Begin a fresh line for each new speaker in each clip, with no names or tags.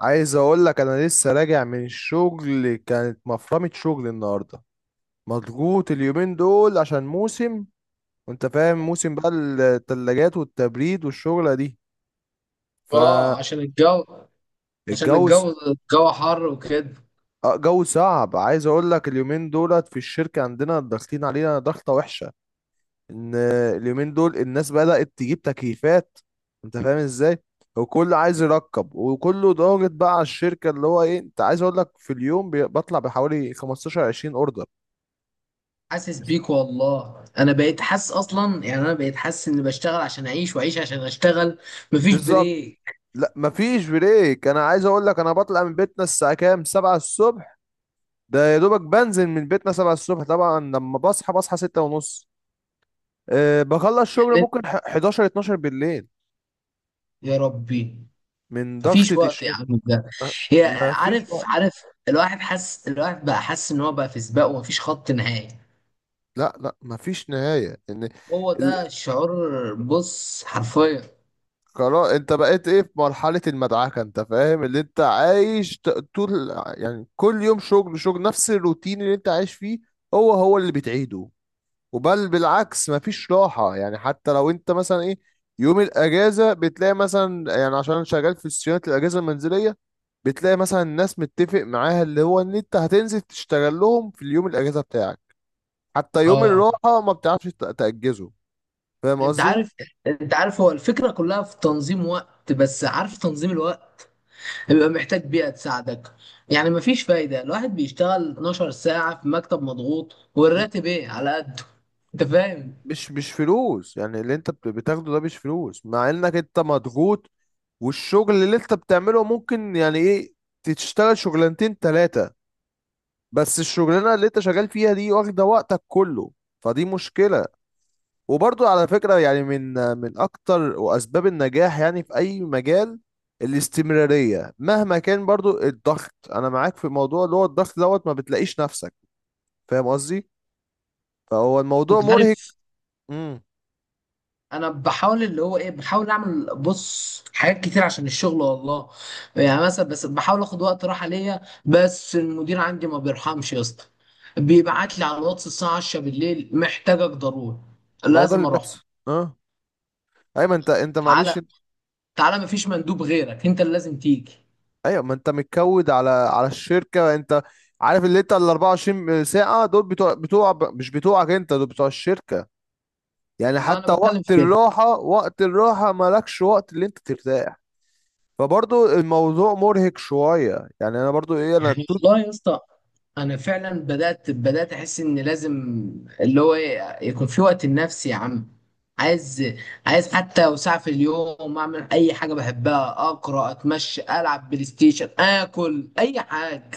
عايز اقول لك انا لسه راجع من الشغل، كانت مفرمة شغل النهارده. مضغوط اليومين دول عشان موسم، وانت فاهم موسم بقى التلاجات والتبريد والشغلة دي.
اه، عشان الجو. عشان
فالجو
الجو، الجو حر وكده.
جو صعب. عايز اقول لك اليومين دولت في الشركة عندنا ضاغطين علينا ضغطة وحشة، ان اليومين دول الناس بدأت تجيب تكييفات. انت فاهم ازاي، وكل عايز يركب وكله ضاغط بقى على الشركة اللي هو ايه. انت عايز اقول لك في اليوم بطلع بحوالي 15 20 اوردر.
حاسس
بس-
بيك والله، انا بقيت حاسس اصلا. يعني انا بقيت حاسس اني بشتغل عشان اعيش واعيش عشان اشتغل. مفيش
بالظبط،
بريك.
لا مفيش بريك. انا عايز اقول لك انا بطلع من بيتنا الساعه كام؟ 7 الصبح. ده يا دوبك بنزل من بيتنا 7 الصبح، طبعا لما بصحى بصحى 6 ونص. بخلص شغل
يعني
ممكن 11 12 بالليل
يا ربي،
من
مفيش
ضغطة
وقت يا
الشغل.
عم ده.
أه،
هي،
مفيش
عارف
وقت.
عارف. الواحد حاسس، الواحد بقى حاسس ان هو بقى في سباق ومفيش خط نهائي.
لا لا مفيش نهاية، ان
هو
ال-
ده الشعور، بص حرفيا.
خلاص انت بقيت ايه في مرحلة المدعكة. انت فاهم اللي انت عايش طول، يعني كل يوم شغل شغل نفس الروتين اللي انت عايش فيه هو هو اللي بتعيده. وبل بالعكس مفيش راحة، يعني حتى لو انت مثلا ايه يوم الاجازة بتلاقي مثلا، يعني عشان انا شغال في صيانة الاجهزة المنزلية، بتلاقي مثلا الناس متفق معاها اللي هو ان انت هتنزل تشتغل لهم في اليوم الاجازة بتاعك. حتى يوم
اه.
الراحة ما بتعرفش تأجزه. فاهم
انت
قصدي؟
عارف، انت عارف هو الفكرة كلها في تنظيم وقت. بس عارف، تنظيم الوقت بيبقى محتاج بيئة تساعدك. يعني مفيش فايدة الواحد بيشتغل 12 ساعة في مكتب مضغوط
م-
والراتب ايه على قده. انت فاهم.
مش فلوس، يعني اللي انت بتاخده ده مش فلوس مع انك انت مضغوط. والشغل اللي انت بتعمله ممكن يعني ايه تشتغل شغلانتين تلاتة، بس الشغلانه اللي انت شغال فيها دي واخده وقتك كله. فدي مشكله. وبرضو على فكره، يعني من اكتر واسباب النجاح يعني في اي مجال الاستمراريه. مهما كان برضو الضغط، انا معاك في موضوع اللي هو الضغط دوت ما بتلاقيش نفسك. فاهم قصدي. فهو الموضوع
انت
مرهق.
عارف
امم
انا بحاول، اللي هو ايه، بحاول اعمل بص حاجات كتير عشان الشغل والله. يعني مثلا بس بحاول اخد وقت راحة ليا، بس المدير عندي ما بيرحمش يا اسطى. بيبعت لي على الواتس الساعة 10 بالليل: محتاجك ضروري،
الموضوع
لازم
اللي
اروح.
بيحصل اه. ايوه ما انت
تعالى
معلش.
تعالى، مفيش مندوب غيرك، انت اللي لازم تيجي.
ايوه ما انت متكود على الشركه انت. عارف اللي انت ال 24 ساعه دول بتوع بتوع مش بتوعك انت، دول بتوع الشركه. يعني
ما
حتى
انا بتكلم
وقت
في كده.
الراحة، وقت الراحة مالكش وقت اللي انت ترتاح. فبرضو الموضوع مرهق شوية، يعني انا برضو ايه انا
يعني
توت.
والله يا اسطى انا فعلا بدات، بدات احس ان لازم، اللي هو إيه، يكون في وقت لنفسي يا عم. عايز، عايز حتى لو ساعه في اليوم اعمل اي حاجه بحبها: اقرا، اتمشى، العب بلاي ستيشن، اكل اي حاجه.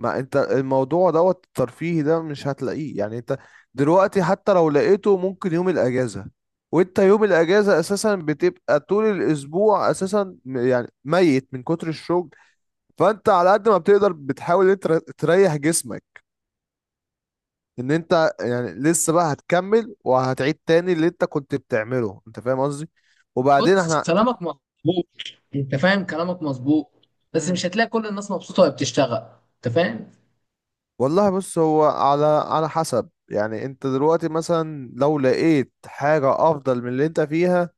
ما انت الموضوع دوت الترفيهي ده مش هتلاقيه، يعني انت دلوقتي حتى لو لقيته ممكن يوم الاجازة. وانت يوم الاجازة اساسا بتبقى طول الاسبوع اساسا يعني ميت من كتر الشغل. فانت على قد ما بتقدر بتحاول انت تريح جسمك، ان انت يعني لسه بقى هتكمل وهتعيد تاني اللي انت كنت بتعمله. انت فاهم قصدي. وبعدين
بص
احنا.
كلامك مظبوط، انت فاهم كلامك مظبوط. بس
مم.
مش هتلاقي كل الناس مبسوطه وهي بتشتغل، انت فاهم.
والله بص، هو على حسب. يعني انت دلوقتي مثلا لو لقيت حاجة افضل من اللي انت فيها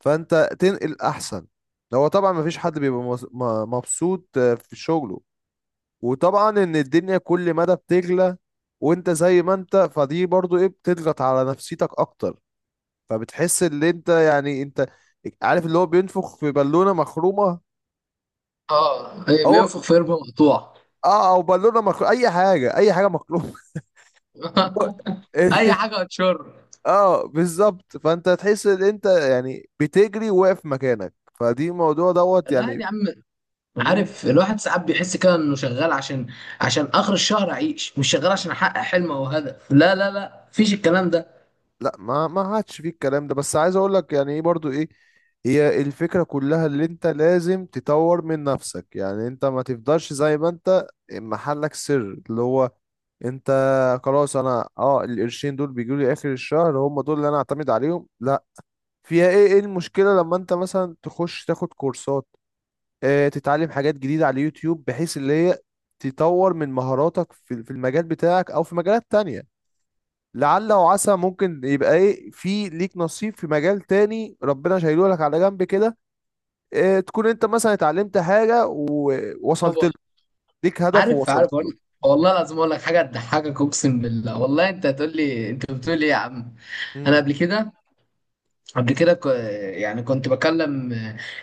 فانت تنقل احسن. هو طبعا مفيش حد بيبقى مبسوط في شغله. وطبعا ان الدنيا كل مدى بتغلى، وانت زي ما انت فدي برضو ايه بتضغط على نفسيتك اكتر. فبتحس ان انت يعني انت عارف اللي هو بينفخ في بالونه مخرومه.
اه إيه،
او
بينفخ في قربه مقطوع.
اه، او بالونه مخرومه، اي حاجه اي حاجه مخرومه.
اي حاجه هتشر.
اه بالظبط، فانت تحس ان انت يعني بتجري واقف مكانك. فدي موضوع دوت
الواحد
يعني.
يا عم،
مم،
عارف الواحد ساعات بيحس كده انه شغال عشان، عشان اخر الشهر اعيش. مش شغال عشان احقق حلم او هدف. لا لا لا، مفيش الكلام ده.
لا ما عادش فيه الكلام ده. بس عايز اقول لك يعني ايه برضو ايه، هي الفكرة كلها اللي انت لازم تطور من نفسك. يعني انت ما تفضلش زي ما انت محلك سر. اللي هو انت خلاص انا اه القرشين دول بيجوا لي اخر الشهر هم دول اللي انا اعتمد عليهم، لا. فيها ايه؟ ايه المشكله لما انت مثلا تخش تاخد كورسات؟ اه تتعلم حاجات جديده على اليوتيوب بحيث اللي هي تطور من مهاراتك في المجال بتاعك او في مجالات تانية. لعل وعسى ممكن يبقى ايه في ليك نصيب في مجال تاني ربنا شايله لك على جنب كده. اه تكون انت مثلا اتعلمت حاجه ووصلت
هو،
له، ليك هدف
عارف عارف.
ووصلت
اقول
له.
لك والله العظيم، اقول لك حاجه تضحكك، اقسم بالله والله انت هتقول لي انت بتقول ايه يا عم. انا
امم
قبل كده، قبل كده ك- يعني كنت بكلم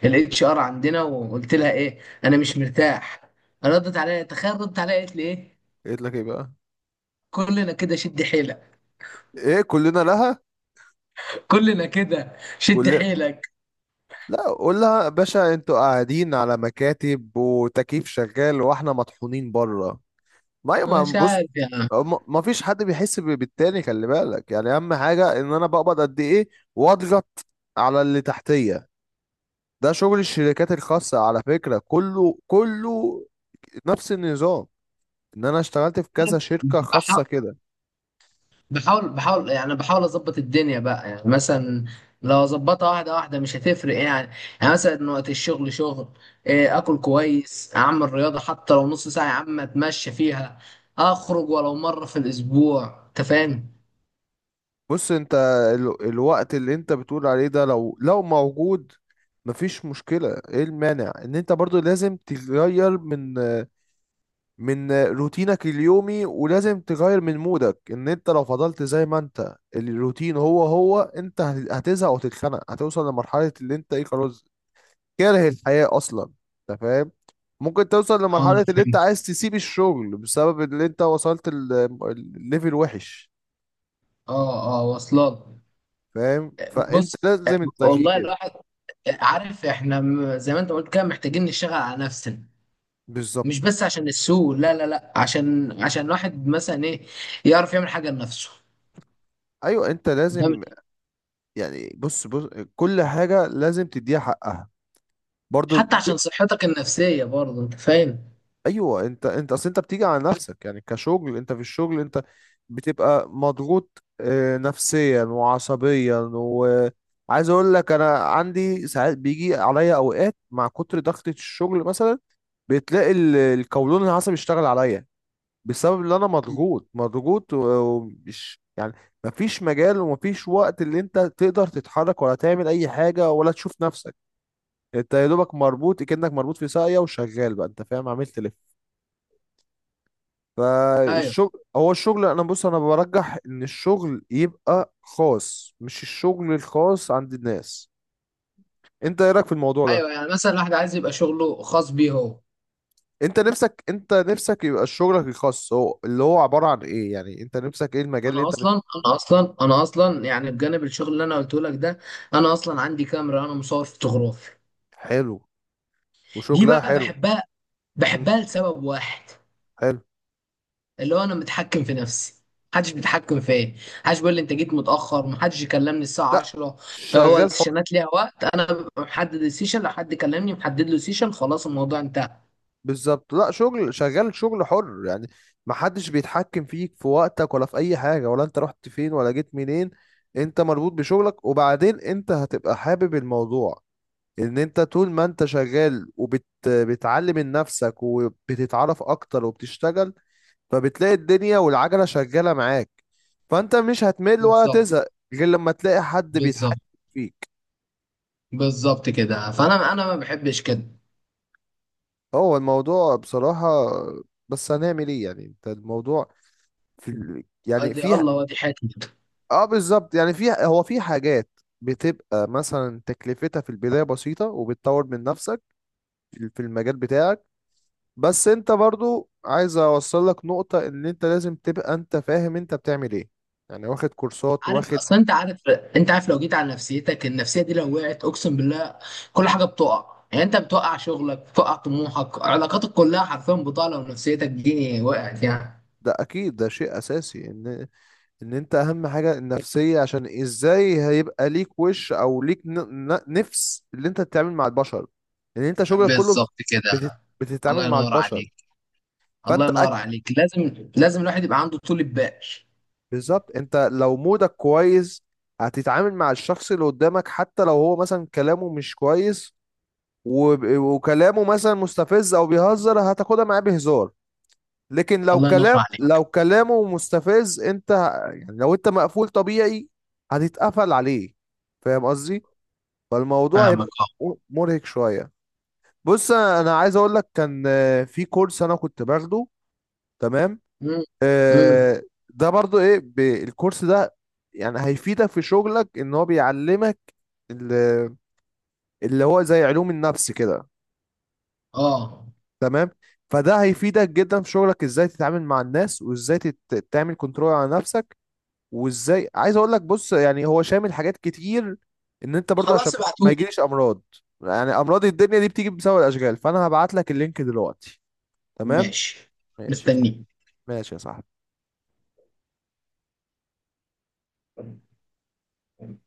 الاتش ار عندنا وقلت لها ايه: انا مش مرتاح. ردت عليا، تخيل، ردت عليا قالت لي ايه:
قلت لك ايه بقى؟
كلنا كده، شد حيلك.
ايه كلنا لها؟
كلنا كده، شد
كلنا.
حيلك.
لا قول لها يا باشا انتوا قاعدين على مكاتب وتكييف شغال واحنا مطحونين بره. ما ما
مش
بص،
عارف يا
ما فيش حد بيحس بالتاني. خلي بالك، يعني اهم حاجة ان انا بقبض قد ايه واضغط على اللي تحتية. ده شغل الشركات الخاصة على فكرة، كله كله نفس النظام. ان انا اشتغلت في كذا شركة
عم.
خاصة كده.
بحاول، بحاول، يعني بحاول اظبط الدنيا بقى. يعني مثلا لو اظبطها واحده واحده مش هتفرق يعني. يعني مثلا وقت الشغل شغل، إيه، اكل كويس، اعمل رياضه حتى لو نص ساعه يا عم اتمشى فيها، اخرج ولو مره في الاسبوع، انت فاهم.
بص انت الوقت اللي انت بتقول عليه ده لو موجود مفيش مشكلة. ايه المانع ان انت برضو لازم تغير من روتينك اليومي، ولازم تغير من مودك. ان انت لو فضلت زي ما انت الروتين هو هو انت هتزهق وتتخنق. هتوصل لمرحلة اللي انت ايه خلاص كاره الحياة اصلا. انت فاهم. ممكن توصل
اه انا
لمرحلة اللي انت
فهمت.
عايز تسيب الشغل بسبب اللي انت وصلت الليفل وحش.
اه اه، واصلات.
فاهم، فانت
بص
لازم
والله
التغيير.
الواحد، عارف احنا زي ما انت قلت كده محتاجين نشتغل على نفسنا. مش
بالظبط،
بس عشان السوق، لا لا لا، عشان، عشان الواحد مثلا ايه، يعرف يعمل حاجه لنفسه
ايوه انت
ده.
لازم. يعني بص بص، كل حاجه لازم تديها حقها برضو.
حتى
ج-
عشان صحتك النفسية برضه، انت فاهم.
ايوه انت اصل انت بتيجي على نفسك. يعني كشغل، انت في الشغل انت بتبقى مضغوط نفسيا وعصبيا. وعايز اقول لك انا عندي ساعات بيجي عليا اوقات مع كتر ضغطة الشغل، مثلا بتلاقي القولون العصبي اشتغل عليا بسبب اللي انا مضغوط مضغوط ومش يعني. مفيش مجال ومفيش وقت اللي انت تقدر تتحرك، ولا تعمل اي حاجة، ولا تشوف نفسك. انت يا دوبك مربوط كأنك مربوط في ساقية وشغال بقى، انت فاهم، عمال تلف.
ايوه.
فالشغل هو الشغل، انا بص انا برجح ان الشغل يبقى خاص مش الشغل الخاص عند الناس. انت ايه رايك في الموضوع ده؟
ايوه يعني مثلا الواحد عايز يبقى شغله خاص بيه هو.
انت نفسك، انت نفسك يبقى شغلك الخاص. هو اللي هو عبارة عن ايه يعني انت نفسك ايه المجال اللي انت بتحبه.
انا اصلا، يعني بجانب الشغل اللي انا قلته لك ده، انا اصلا عندي كاميرا، انا مصور فوتوغرافي.
حلو
دي
وشغلها
بقى
حلو.
بحبها، بحبها لسبب واحد،
حلو.
اللي هو انا متحكم في نفسي، محدش بيتحكم فيا. محدش بيقول لي انت جيت متاخر، محدش يكلمني الساعه
لا
10. لو هو
شغال حر.
السيشنات ليها وقت، انا ببقى محدد السيشن. لو حد كلمني محدد له سيشن، خلاص الموضوع انتهى.
بالظبط، لا شغل، شغال شغل حر يعني. محدش بيتحكم فيك في وقتك ولا في اي حاجة، ولا انت رحت فين ولا جيت منين. انت مربوط بشغلك، وبعدين انت هتبقى حابب الموضوع. ان انت طول ما انت شغال وبتعلم من نفسك وبتتعرف اكتر وبتشتغل، فبتلاقي الدنيا والعجلة شغالة معاك. فانت مش هتمل ولا
بالظبط.
تزهق غير لما تلاقي حد بيتحكم
بالظبط.
فيك.
بالظبط كده، فانا انا ما بحبش كده.
هو الموضوع بصراحة، بس هنعمل ايه يعني. انت الموضوع في يعني
ادي
فيها.
الله وادي حياتي كده.
اه بالظبط يعني فيها. هو في حاجات بتبقى مثلا تكلفتها في البداية بسيطة، وبتطور من نفسك في المجال بتاعك. بس انت برضو عايز اوصل لك نقطة ان انت لازم تبقى انت فاهم انت بتعمل ايه. يعني واخد كورسات
عارف
واخد.
اصلا، انت عارف، انت عارف لو جيت على نفسيتك، النفسيه دي لو وقعت اقسم بالله كل حاجه بتقع. يعني انت بتوقع شغلك، بتوقع طموحك، علاقاتك كلها حرفيا بتقع لو نفسيتك دي وقعت يعني.
ده اكيد ده شيء اساسي، ان ان انت اهم حاجة النفسية. عشان ازاي هيبقى ليك وش او ليك نفس اللي انت تتعامل مع البشر. ان انت شغلك كله
بالظبط كده.
بتت- بتتعامل
الله
مع
ينور
البشر.
عليك. الله
فانت
ينور عليك، لازم، لازم الواحد يبقى عنده طول بال.
بالظبط، انت لو مودك كويس هتتعامل مع الشخص اللي قدامك حتى لو هو مثلا كلامه مش كويس. وكلامه مثلا مستفز او بيهزر هتاخدها معاه بهزار. لكن لو
الله ينور
كلام
عليك.
لو كلامه مستفز انت يعني لو انت مقفول طبيعي هتتقفل عليه. فاهم قصدي. فالموضوع هيبقى
فاهمك اه.
مرهق شوية. بص انا أنا عايز اقول لك كان في كورس انا كنت باخده. تمام.
امم امم
آه، ده برضو ايه الكورس ده يعني هيفيدك في شغلك ان هو بيعلمك ال- اللي هو زي علوم النفس كده.
اه
تمام. فده هيفيدك جدا في شغلك ازاي تتعامل مع الناس، وازاي تعمل كنترول على نفسك. وازاي عايز اقول لك بص يعني هو شامل حاجات كتير، ان انت برضه عشان
خلاص
ما
ابعتولي.
يجيليش امراض. يعني امراض الدنيا دي بتيجي بسبب الاشغال. فانا هبعت لك اللينك دلوقتي. تمام.
ماشي،
ماشي يا صاحبي.
مستنيك.
ماشي يا صاحبي.